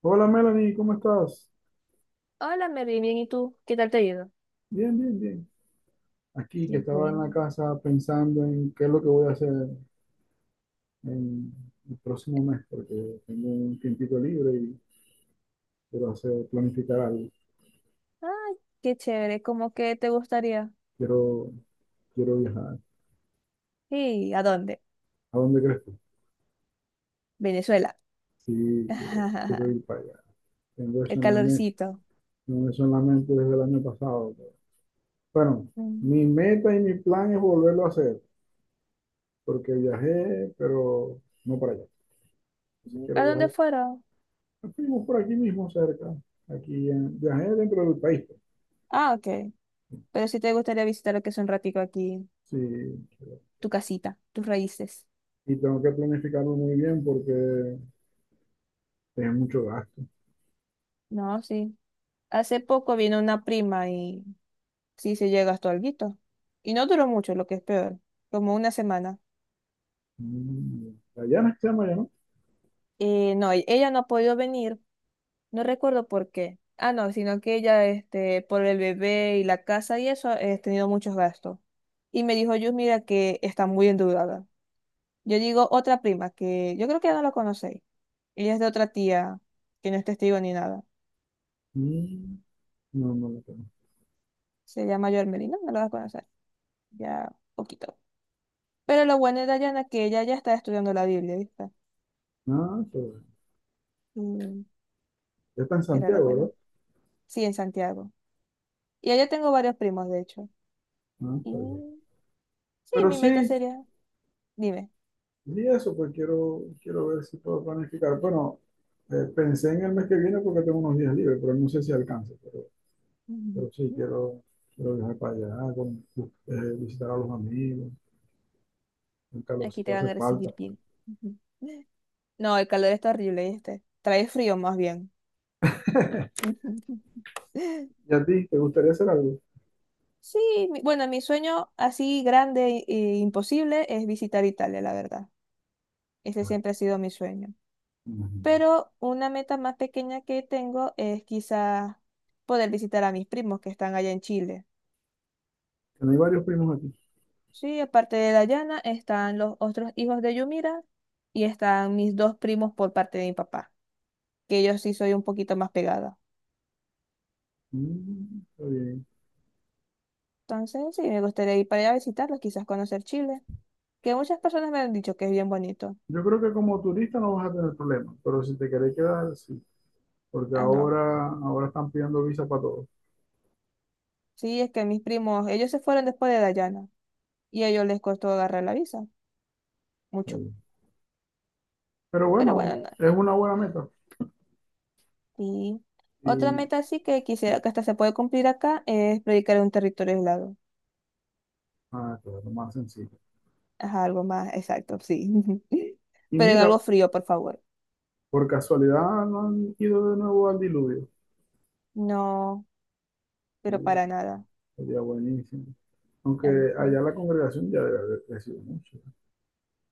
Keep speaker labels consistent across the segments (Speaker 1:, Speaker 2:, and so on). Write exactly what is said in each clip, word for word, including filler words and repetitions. Speaker 1: Hola Melanie, ¿cómo estás?
Speaker 2: Hola, Mary, bien, ¿y tú? ¿Qué tal te ha ido?
Speaker 1: Bien, bien, bien. Aquí que
Speaker 2: Y
Speaker 1: estaba en la
Speaker 2: bueno,
Speaker 1: casa pensando en qué es lo que voy a hacer en el próximo mes, porque tengo un tiempito libre y quiero hacer, planificar algo.
Speaker 2: ay, qué chévere, ¿cómo que te gustaría?
Speaker 1: Quiero, quiero viajar.
Speaker 2: Sí, ¿a dónde?
Speaker 1: ¿A dónde crees tú?
Speaker 2: Venezuela.
Speaker 1: Sí, quiero, quiero ir para allá. Tengo eso
Speaker 2: El
Speaker 1: en la mente,
Speaker 2: calorcito.
Speaker 1: tengo eso en la mente desde el año pasado. pero- Bueno,
Speaker 2: Mm.
Speaker 1: mi meta y mi plan es volverlo a hacer, porque viajé, pero no para allá. Entonces
Speaker 2: ¿A
Speaker 1: quiero
Speaker 2: dónde
Speaker 1: viajar.
Speaker 2: fueron?
Speaker 1: Fuimos por aquí mismo cerca, aquí en, viajé dentro del país, pues.
Speaker 2: Ah, ok. Pero sí te gustaría visitar lo que es un ratico aquí,
Speaker 1: Sí,
Speaker 2: tu casita, tus raíces.
Speaker 1: y tengo que planificarlo muy bien porque es mucho gasto.
Speaker 2: No, sí. Hace poco vino una prima y sí se llega hasta alguito. Y no duró mucho, lo que es peor, como una semana.
Speaker 1: Mm, Allá no se llama, ya no.
Speaker 2: Eh, no, e- ella no ha podido venir. No recuerdo por qué. Ah, no, sino que ella, este, por el bebé y la casa y eso, he tenido muchos gastos. Y me dijo, yo mira que está muy endeudada. Yo digo, otra prima, que yo creo que ya no la conocéis. Ella es de otra tía, que no es testigo ni nada.
Speaker 1: Mm, No, no lo tengo.
Speaker 2: Se llama Melina, no. No la vas a conocer. Ya, poquito. Pero lo bueno de Dayana es que ella ya está estudiando la Biblia, ¿viste?
Speaker 1: Ah, está bien.
Speaker 2: Y
Speaker 1: Ya está en
Speaker 2: era lo
Speaker 1: Santiago, ¿verdad?
Speaker 2: bueno. Sí, en Santiago. Y allá tengo varios primos, de hecho.
Speaker 1: Ah,
Speaker 2: Y
Speaker 1: está bien.
Speaker 2: sí,
Speaker 1: Pero
Speaker 2: mi meta
Speaker 1: sí,
Speaker 2: sería, dime.
Speaker 1: y eso, pues quiero, quiero ver si puedo planificar. Bueno, eh, pensé en el mes que viene porque tengo unos días libres, pero no sé si alcance, pero, pero sí quiero, quiero viajar para allá, con- eh, visitar a los amigos, el
Speaker 2: Aquí
Speaker 1: calorcito
Speaker 2: te van
Speaker 1: hace
Speaker 2: a
Speaker 1: falta.
Speaker 2: recibir bien. Ujú. No, el calor está horrible, este. Trae frío más bien. Ujú.
Speaker 1: ¿Y a ti te gustaría hacer algo?
Speaker 2: Sí, mi- bueno, mi sueño así grande e imposible es visitar Italia, la verdad. Ese siempre ha sido mi sueño.
Speaker 1: Imagínate.
Speaker 2: Pero una meta más pequeña que tengo es quizás poder visitar a mis primos que están allá en Chile.
Speaker 1: Que no hay varios primos aquí.
Speaker 2: Sí, aparte de Dayana están los otros hijos de Yumira y están mis dos primos por parte de mi papá, que ellos sí soy un poquito más pegada.
Speaker 1: Mm, está bien.
Speaker 2: Entonces, sí, me gustaría ir para allá a visitarlos, quizás conocer Chile, que muchas personas me han dicho que es bien bonito.
Speaker 1: Yo creo que como turista no vas a tener problemas, pero si te querés quedar, sí, porque
Speaker 2: Ah, no.
Speaker 1: ahora, ahora están pidiendo visa para todos.
Speaker 2: Sí, es que mis primos, ellos se fueron después de Dayana y a ellos les costó agarrar la visa,
Speaker 1: Está
Speaker 2: mucho.
Speaker 1: bien. Pero
Speaker 2: Pero bueno,
Speaker 1: bueno,
Speaker 2: nada.
Speaker 1: es una buena meta
Speaker 2: Y otra
Speaker 1: y
Speaker 2: meta sí que quisiera que hasta se puede cumplir acá es predicar en un territorio aislado.
Speaker 1: ah, claro, lo más sencillo.
Speaker 2: Ajá, algo más exacto, sí.
Speaker 1: Y
Speaker 2: Pero en
Speaker 1: mira,
Speaker 2: algo frío, por favor.
Speaker 1: por casualidad no han ido de nuevo al diluvio.
Speaker 2: No, pero
Speaker 1: Uh,
Speaker 2: para nada.
Speaker 1: sería buenísimo. Aunque
Speaker 2: Ahí sí.
Speaker 1: allá la congregación ya debe haber crecido mucho.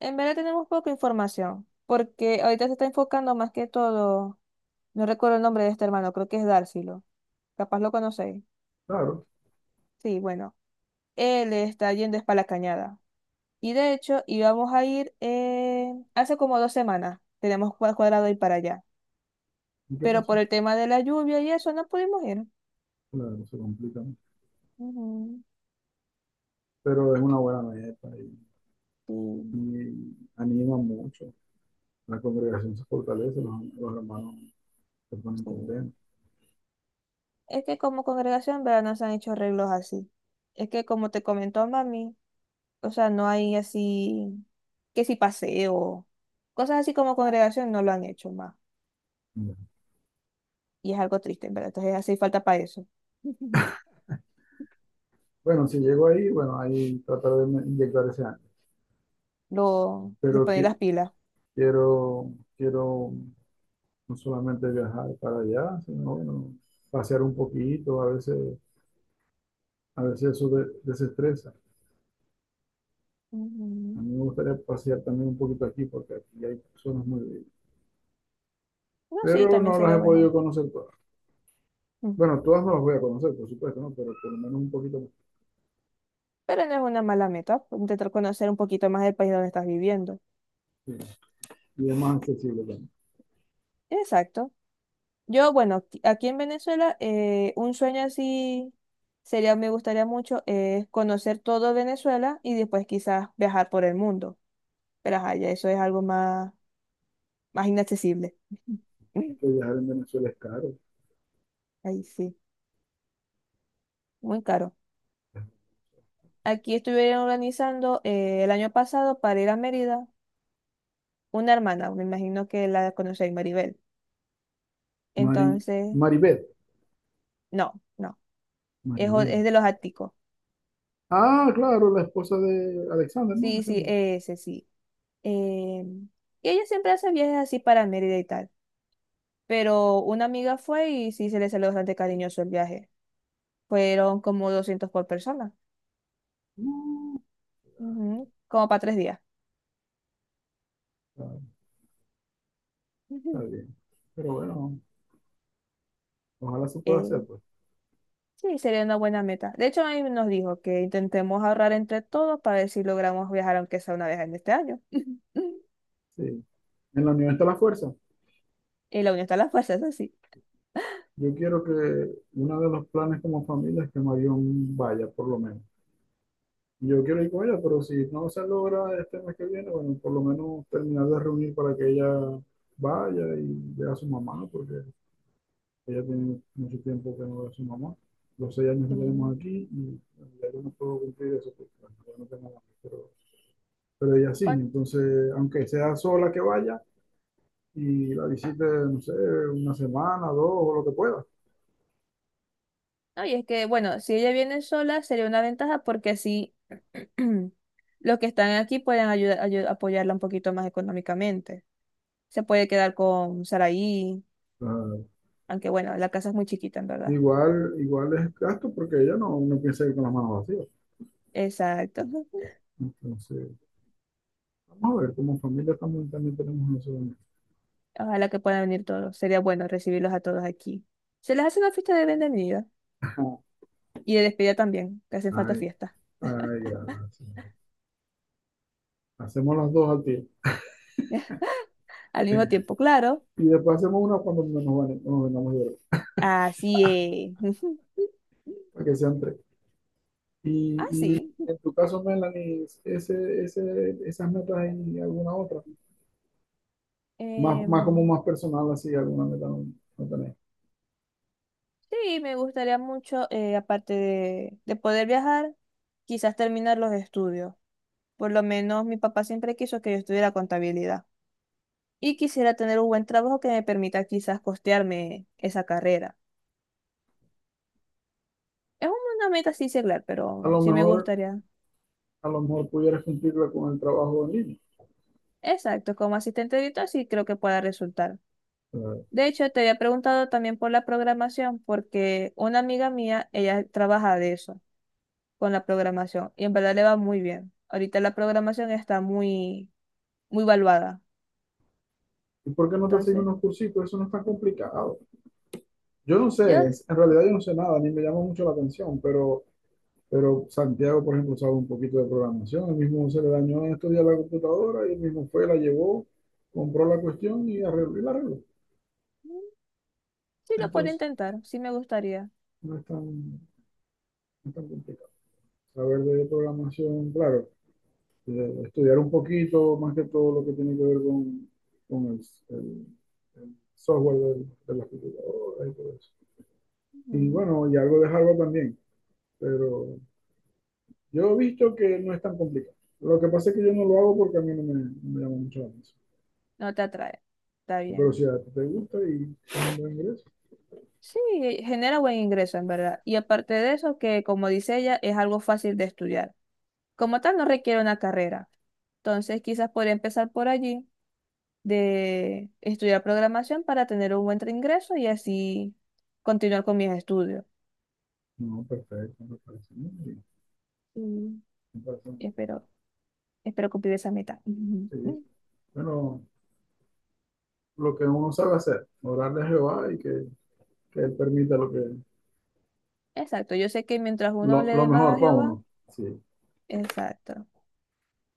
Speaker 2: En verdad tenemos poca información, porque ahorita se está enfocando más que todo. No recuerdo el nombre de este hermano, creo que es Dárcilo. Capaz lo conocéis.
Speaker 1: Claro,
Speaker 2: Sí, bueno. Él está yendo es para la cañada. Y de hecho, íbamos a ir eh, hace como dos semanas. Tenemos cua- cuadrado ir para allá.
Speaker 1: ¿y qué
Speaker 2: Pero por
Speaker 1: pasó?
Speaker 2: el tema de la lluvia y eso, no pudimos ir.
Speaker 1: Claro, se complica, ¿no?
Speaker 2: Ujú.
Speaker 1: Pero es una buena meta y
Speaker 2: Sí,
Speaker 1: y anima mucho. La congregación se fortalece, los, los hermanos se ponen
Speaker 2: sí.
Speaker 1: contentos.
Speaker 2: Es que como congregación, ¿verdad? No se han hecho arreglos así. Es que como te comentó mami, o sea, no hay así, que si paseo, cosas así como congregación no lo han hecho más. Y es algo triste, en verdad. Entonces hace falta para eso.
Speaker 1: Bueno, si llego ahí, bueno, ahí tratar de inyectar ese año.
Speaker 2: Lo, le
Speaker 1: Pero
Speaker 2: ponen
Speaker 1: que,
Speaker 2: las pilas.
Speaker 1: quiero, quiero no solamente viajar para allá, sino bueno, pasear un poquito, a veces, a veces eso de- desestresa. A
Speaker 2: Ujú.
Speaker 1: mí me gustaría pasear también un poquito aquí, porque aquí hay personas muy bellas.
Speaker 2: No, sí,
Speaker 1: Pero
Speaker 2: también
Speaker 1: no las
Speaker 2: sería
Speaker 1: he podido
Speaker 2: bueno.
Speaker 1: conocer todas.
Speaker 2: Mm.
Speaker 1: Bueno, todas no las voy a conocer, por supuesto, ¿no? Pero por lo menos un poquito más.
Speaker 2: Pero no es una mala meta, pues, intentar conocer un poquito más del país donde estás viviendo.
Speaker 1: Sí. Y es más accesible también.
Speaker 2: Exacto. Yo, bueno, aquí aquí en Venezuela, eh, un sueño así sería, me gustaría mucho, es conocer todo Venezuela y después quizás viajar por el mundo. Pero ajá, ya eso es algo más, más inaccesible.
Speaker 1: Que viajar en Venezuela es caro.
Speaker 2: Ahí sí, muy caro. Aquí estuvieron organizando eh, el año pasado para ir a Mérida una hermana, me imagino que la conocéis, Maribel.
Speaker 1: Mari,
Speaker 2: Entonces,
Speaker 1: Maribel,
Speaker 2: no, no, es, o-
Speaker 1: Maribel.
Speaker 2: es de los áticos.
Speaker 1: Ah, claro, la esposa de Alexander, ¿no? Me
Speaker 2: Sí, sí,
Speaker 1: sembra.
Speaker 2: ese sí. Eh, y ella siempre hace viajes así para Mérida y tal. Pero una amiga fue y sí se le salió bastante cariñoso el viaje. Fueron como doscientos por persona, ujú, como para tres días.
Speaker 1: Ah, está
Speaker 2: Ujú.
Speaker 1: bien. Pero bueno, ojalá se pueda
Speaker 2: Eh,
Speaker 1: hacer, pues.
Speaker 2: Sí, sería una buena meta. De hecho, ahí nos dijo que intentemos ahorrar entre todos para ver si logramos viajar, aunque sea una vez en este año.
Speaker 1: Sí. En la unión está la fuerza.
Speaker 2: Y la unión está a las fuerzas, así
Speaker 1: Yo quiero que uno de los planes como familia es que Marión vaya, por lo menos. Yo quiero ir con ella, pero si no se logra este mes que viene, bueno, por lo menos terminar de reunir para que ella vaya y vea a su mamá, porque ella tiene mucho tiempo que no ve a su mamá. Los seis años
Speaker 2: sí.
Speaker 1: que
Speaker 2: Mm,
Speaker 1: tenemos aquí y ya yo no puedo cumplir eso porque bueno, ya no tengo mamá. Pero, pero ella sí,
Speaker 2: ¿cuán-
Speaker 1: entonces, aunque sea sola que vaya y la visite, no sé, una semana, dos o lo que pueda.
Speaker 2: No, y es que, bueno, si ella viene sola sería una ventaja porque así los que están aquí pueden ayudar, ayu- apoyarla un poquito más económicamente. Se puede quedar con Saraí,
Speaker 1: Ah,
Speaker 2: aunque bueno, la casa es muy chiquita, en verdad.
Speaker 1: igual, igual es gasto porque ella no, no piensa ir con las manos vacías.
Speaker 2: Exacto.
Speaker 1: Entonces, vamos a ver, como familia también, también tenemos nosotros.
Speaker 2: Ojalá que puedan venir todos. Sería bueno recibirlos a todos aquí. Se les hace una fiesta de bienvenida. Y de despedida también, que hace falta
Speaker 1: Ay,
Speaker 2: fiesta.
Speaker 1: ay, gracias. Hacemos las dos al tiempo.
Speaker 2: Al mismo tiempo, claro.
Speaker 1: Y después hacemos una cuando nos, van- nos vengamos de ver,
Speaker 2: Así es.
Speaker 1: para que sean tres. Y, y
Speaker 2: Así.
Speaker 1: en tu caso, Melanie, ese, ese, esas metas hay alguna otra, más, más como
Speaker 2: Em,
Speaker 1: más personal, así, alguna meta no, no tenés.
Speaker 2: sí, me gustaría mucho, eh, aparte de, de poder viajar, quizás terminar los estudios. Por lo menos mi papá siempre quiso que yo estudiara contabilidad. Y quisiera tener un buen trabajo que me permita quizás costearme esa carrera. Es una meta así seglar,
Speaker 1: A
Speaker 2: pero
Speaker 1: lo
Speaker 2: sí me
Speaker 1: mejor,
Speaker 2: gustaría.
Speaker 1: a lo mejor pudieras cumplirla con el trabajo en línea.
Speaker 2: Exacto, como asistente de editor sí creo que pueda resultar.
Speaker 1: Claro.
Speaker 2: De hecho, te había preguntado también por la programación, porque una amiga mía, ella trabaja de eso, con la programación, y en verdad le va muy bien. Ahorita la programación está muy, muy valuada.
Speaker 1: ¿Y por qué no te haces
Speaker 2: Entonces,
Speaker 1: unos cursitos? Eso no es tan complicado. Yo no sé,
Speaker 2: yo
Speaker 1: es- en realidad yo no sé nada, ni me llama mucho la atención, pero, pero Santiago, por ejemplo, sabe un poquito de programación, él mismo se le dañó en estos días la computadora y él mismo fue, la llevó, compró la cuestión y arregló y la arregló.
Speaker 2: mm, sí lo puedo
Speaker 1: Entonces,
Speaker 2: intentar, sí me gustaría.
Speaker 1: no es tan, no tan complicado. Saber de programación, claro, eh, estudiar un poquito más que todo lo que tiene que ver con, con el, el- el software del- de las computadoras y todo eso. Y
Speaker 2: Ujú.
Speaker 1: bueno, y algo de hardware también, pero yo he visto que no es tan complicado. Lo que pasa es que yo no lo hago porque a mí no me, no me llama mucho la atención.
Speaker 2: No te atrae, está
Speaker 1: Pero
Speaker 2: bien.
Speaker 1: si a ti te gusta y es un buen ingreso,
Speaker 2: Sí, genera buen ingreso, en verdad. Y aparte de eso, que como dice ella, es algo fácil de estudiar. Como tal, no requiere una carrera. Entonces, quizás podría empezar por allí de estudiar programación para tener un buen ingreso y así continuar con mis estudios.
Speaker 1: no, perfecto, me parece muy bien.
Speaker 2: Y
Speaker 1: Me parece muy bien.
Speaker 2: espero, espero cumplir esa meta.
Speaker 1: Sí, sí.
Speaker 2: Ujú.
Speaker 1: Bueno, lo que uno sabe hacer, orarle a Jehová y que, que Él permita lo que,
Speaker 2: Exacto, yo sé que mientras uno
Speaker 1: Lo,
Speaker 2: le
Speaker 1: lo
Speaker 2: dé más
Speaker 1: mejor
Speaker 2: a
Speaker 1: para
Speaker 2: Jehová,
Speaker 1: uno. Sí,
Speaker 2: exacto.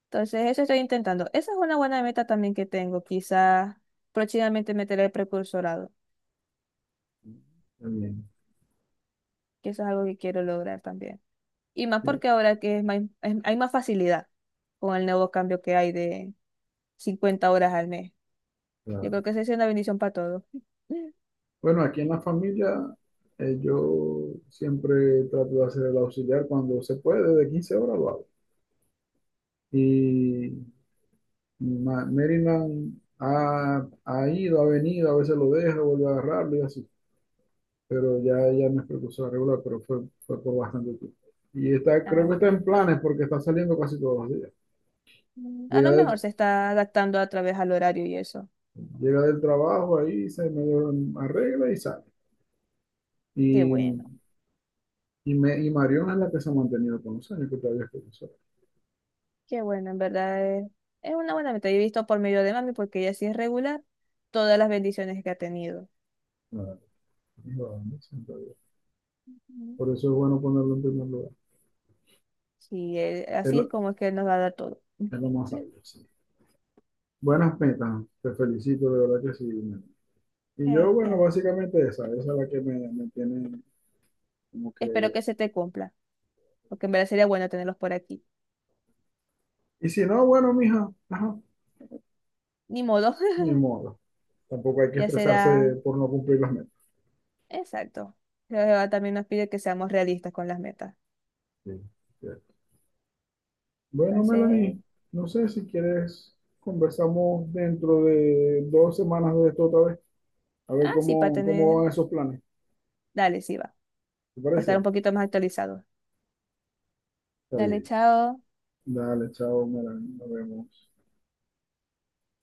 Speaker 2: Entonces, eso estoy intentando. Esa es una buena meta también que tengo. Quizás próximamente meter el precursorado,
Speaker 1: también.
Speaker 2: que eso es algo que quiero lograr también. Y más
Speaker 1: Sí.
Speaker 2: porque ahora que es más- es- hay más facilidad con el nuevo cambio que hay de cincuenta horas al mes. Yo
Speaker 1: Claro.
Speaker 2: creo que esa es una bendición para todos.
Speaker 1: Bueno, aquí en la familia eh, yo siempre trato de hacer el auxiliar cuando se puede, de quince horas lo hago. Y Ma- Maryland ha, ha ido, ha venido, a veces lo deja, vuelve a agarrarlo y así. Pero ya ella no es precursora regular, pero fue, fue por bastante tiempo. Y está, creo
Speaker 2: Ah,
Speaker 1: que
Speaker 2: qué
Speaker 1: está en
Speaker 2: bueno.
Speaker 1: planes porque está saliendo casi todos los días.
Speaker 2: Mm, a
Speaker 1: Llega
Speaker 2: lo mejor
Speaker 1: del,
Speaker 2: se está adaptando a través al horario y eso.
Speaker 1: llega del trabajo ahí, se medio arregla y sale.
Speaker 2: Qué
Speaker 1: Y
Speaker 2: bueno,
Speaker 1: y, me, y Mariona es la que se ha mantenido con los años, que todavía es profesora.
Speaker 2: qué bueno, en verdad es, es una buena meta. Y he visto por medio de mami, porque ella sí es regular, todas las bendiciones que ha tenido.
Speaker 1: Ah, sí,
Speaker 2: Mm.
Speaker 1: por eso es bueno ponerlo en primer lugar.
Speaker 2: Sí, él-
Speaker 1: Es
Speaker 2: así es
Speaker 1: lo,
Speaker 2: como es que él nos va a dar todo.
Speaker 1: es lo más sabio, sí. Buenas metas, te felicito, de verdad que sí. Y
Speaker 2: Ya,
Speaker 1: yo, bueno,
Speaker 2: ya.
Speaker 1: básicamente esa, esa es la que me, me tiene como que...
Speaker 2: Espero que se te cumpla, porque en verdad sería bueno tenerlos por aquí.
Speaker 1: Y si no, bueno, mija, ajá,
Speaker 2: Ni modo,
Speaker 1: ni modo. Tampoco hay que
Speaker 2: ya será.
Speaker 1: estresarse por no cumplir las metas.
Speaker 2: Exacto. Pero Jehová también nos pide que seamos realistas con las metas.
Speaker 1: Sí, cierto. Bueno,
Speaker 2: Entonces,
Speaker 1: Melanie, no sé si quieres, conversamos dentro de dos semanas de esto otra vez, a ver
Speaker 2: ah, sí, para
Speaker 1: cómo, cómo
Speaker 2: tener.
Speaker 1: van esos planes.
Speaker 2: Dale, sí va.
Speaker 1: ¿Te
Speaker 2: Para estar
Speaker 1: parece?
Speaker 2: un poquito más actualizados.
Speaker 1: Está
Speaker 2: Dale,
Speaker 1: bien.
Speaker 2: chao.
Speaker 1: Dale, chao, Mara, nos vemos.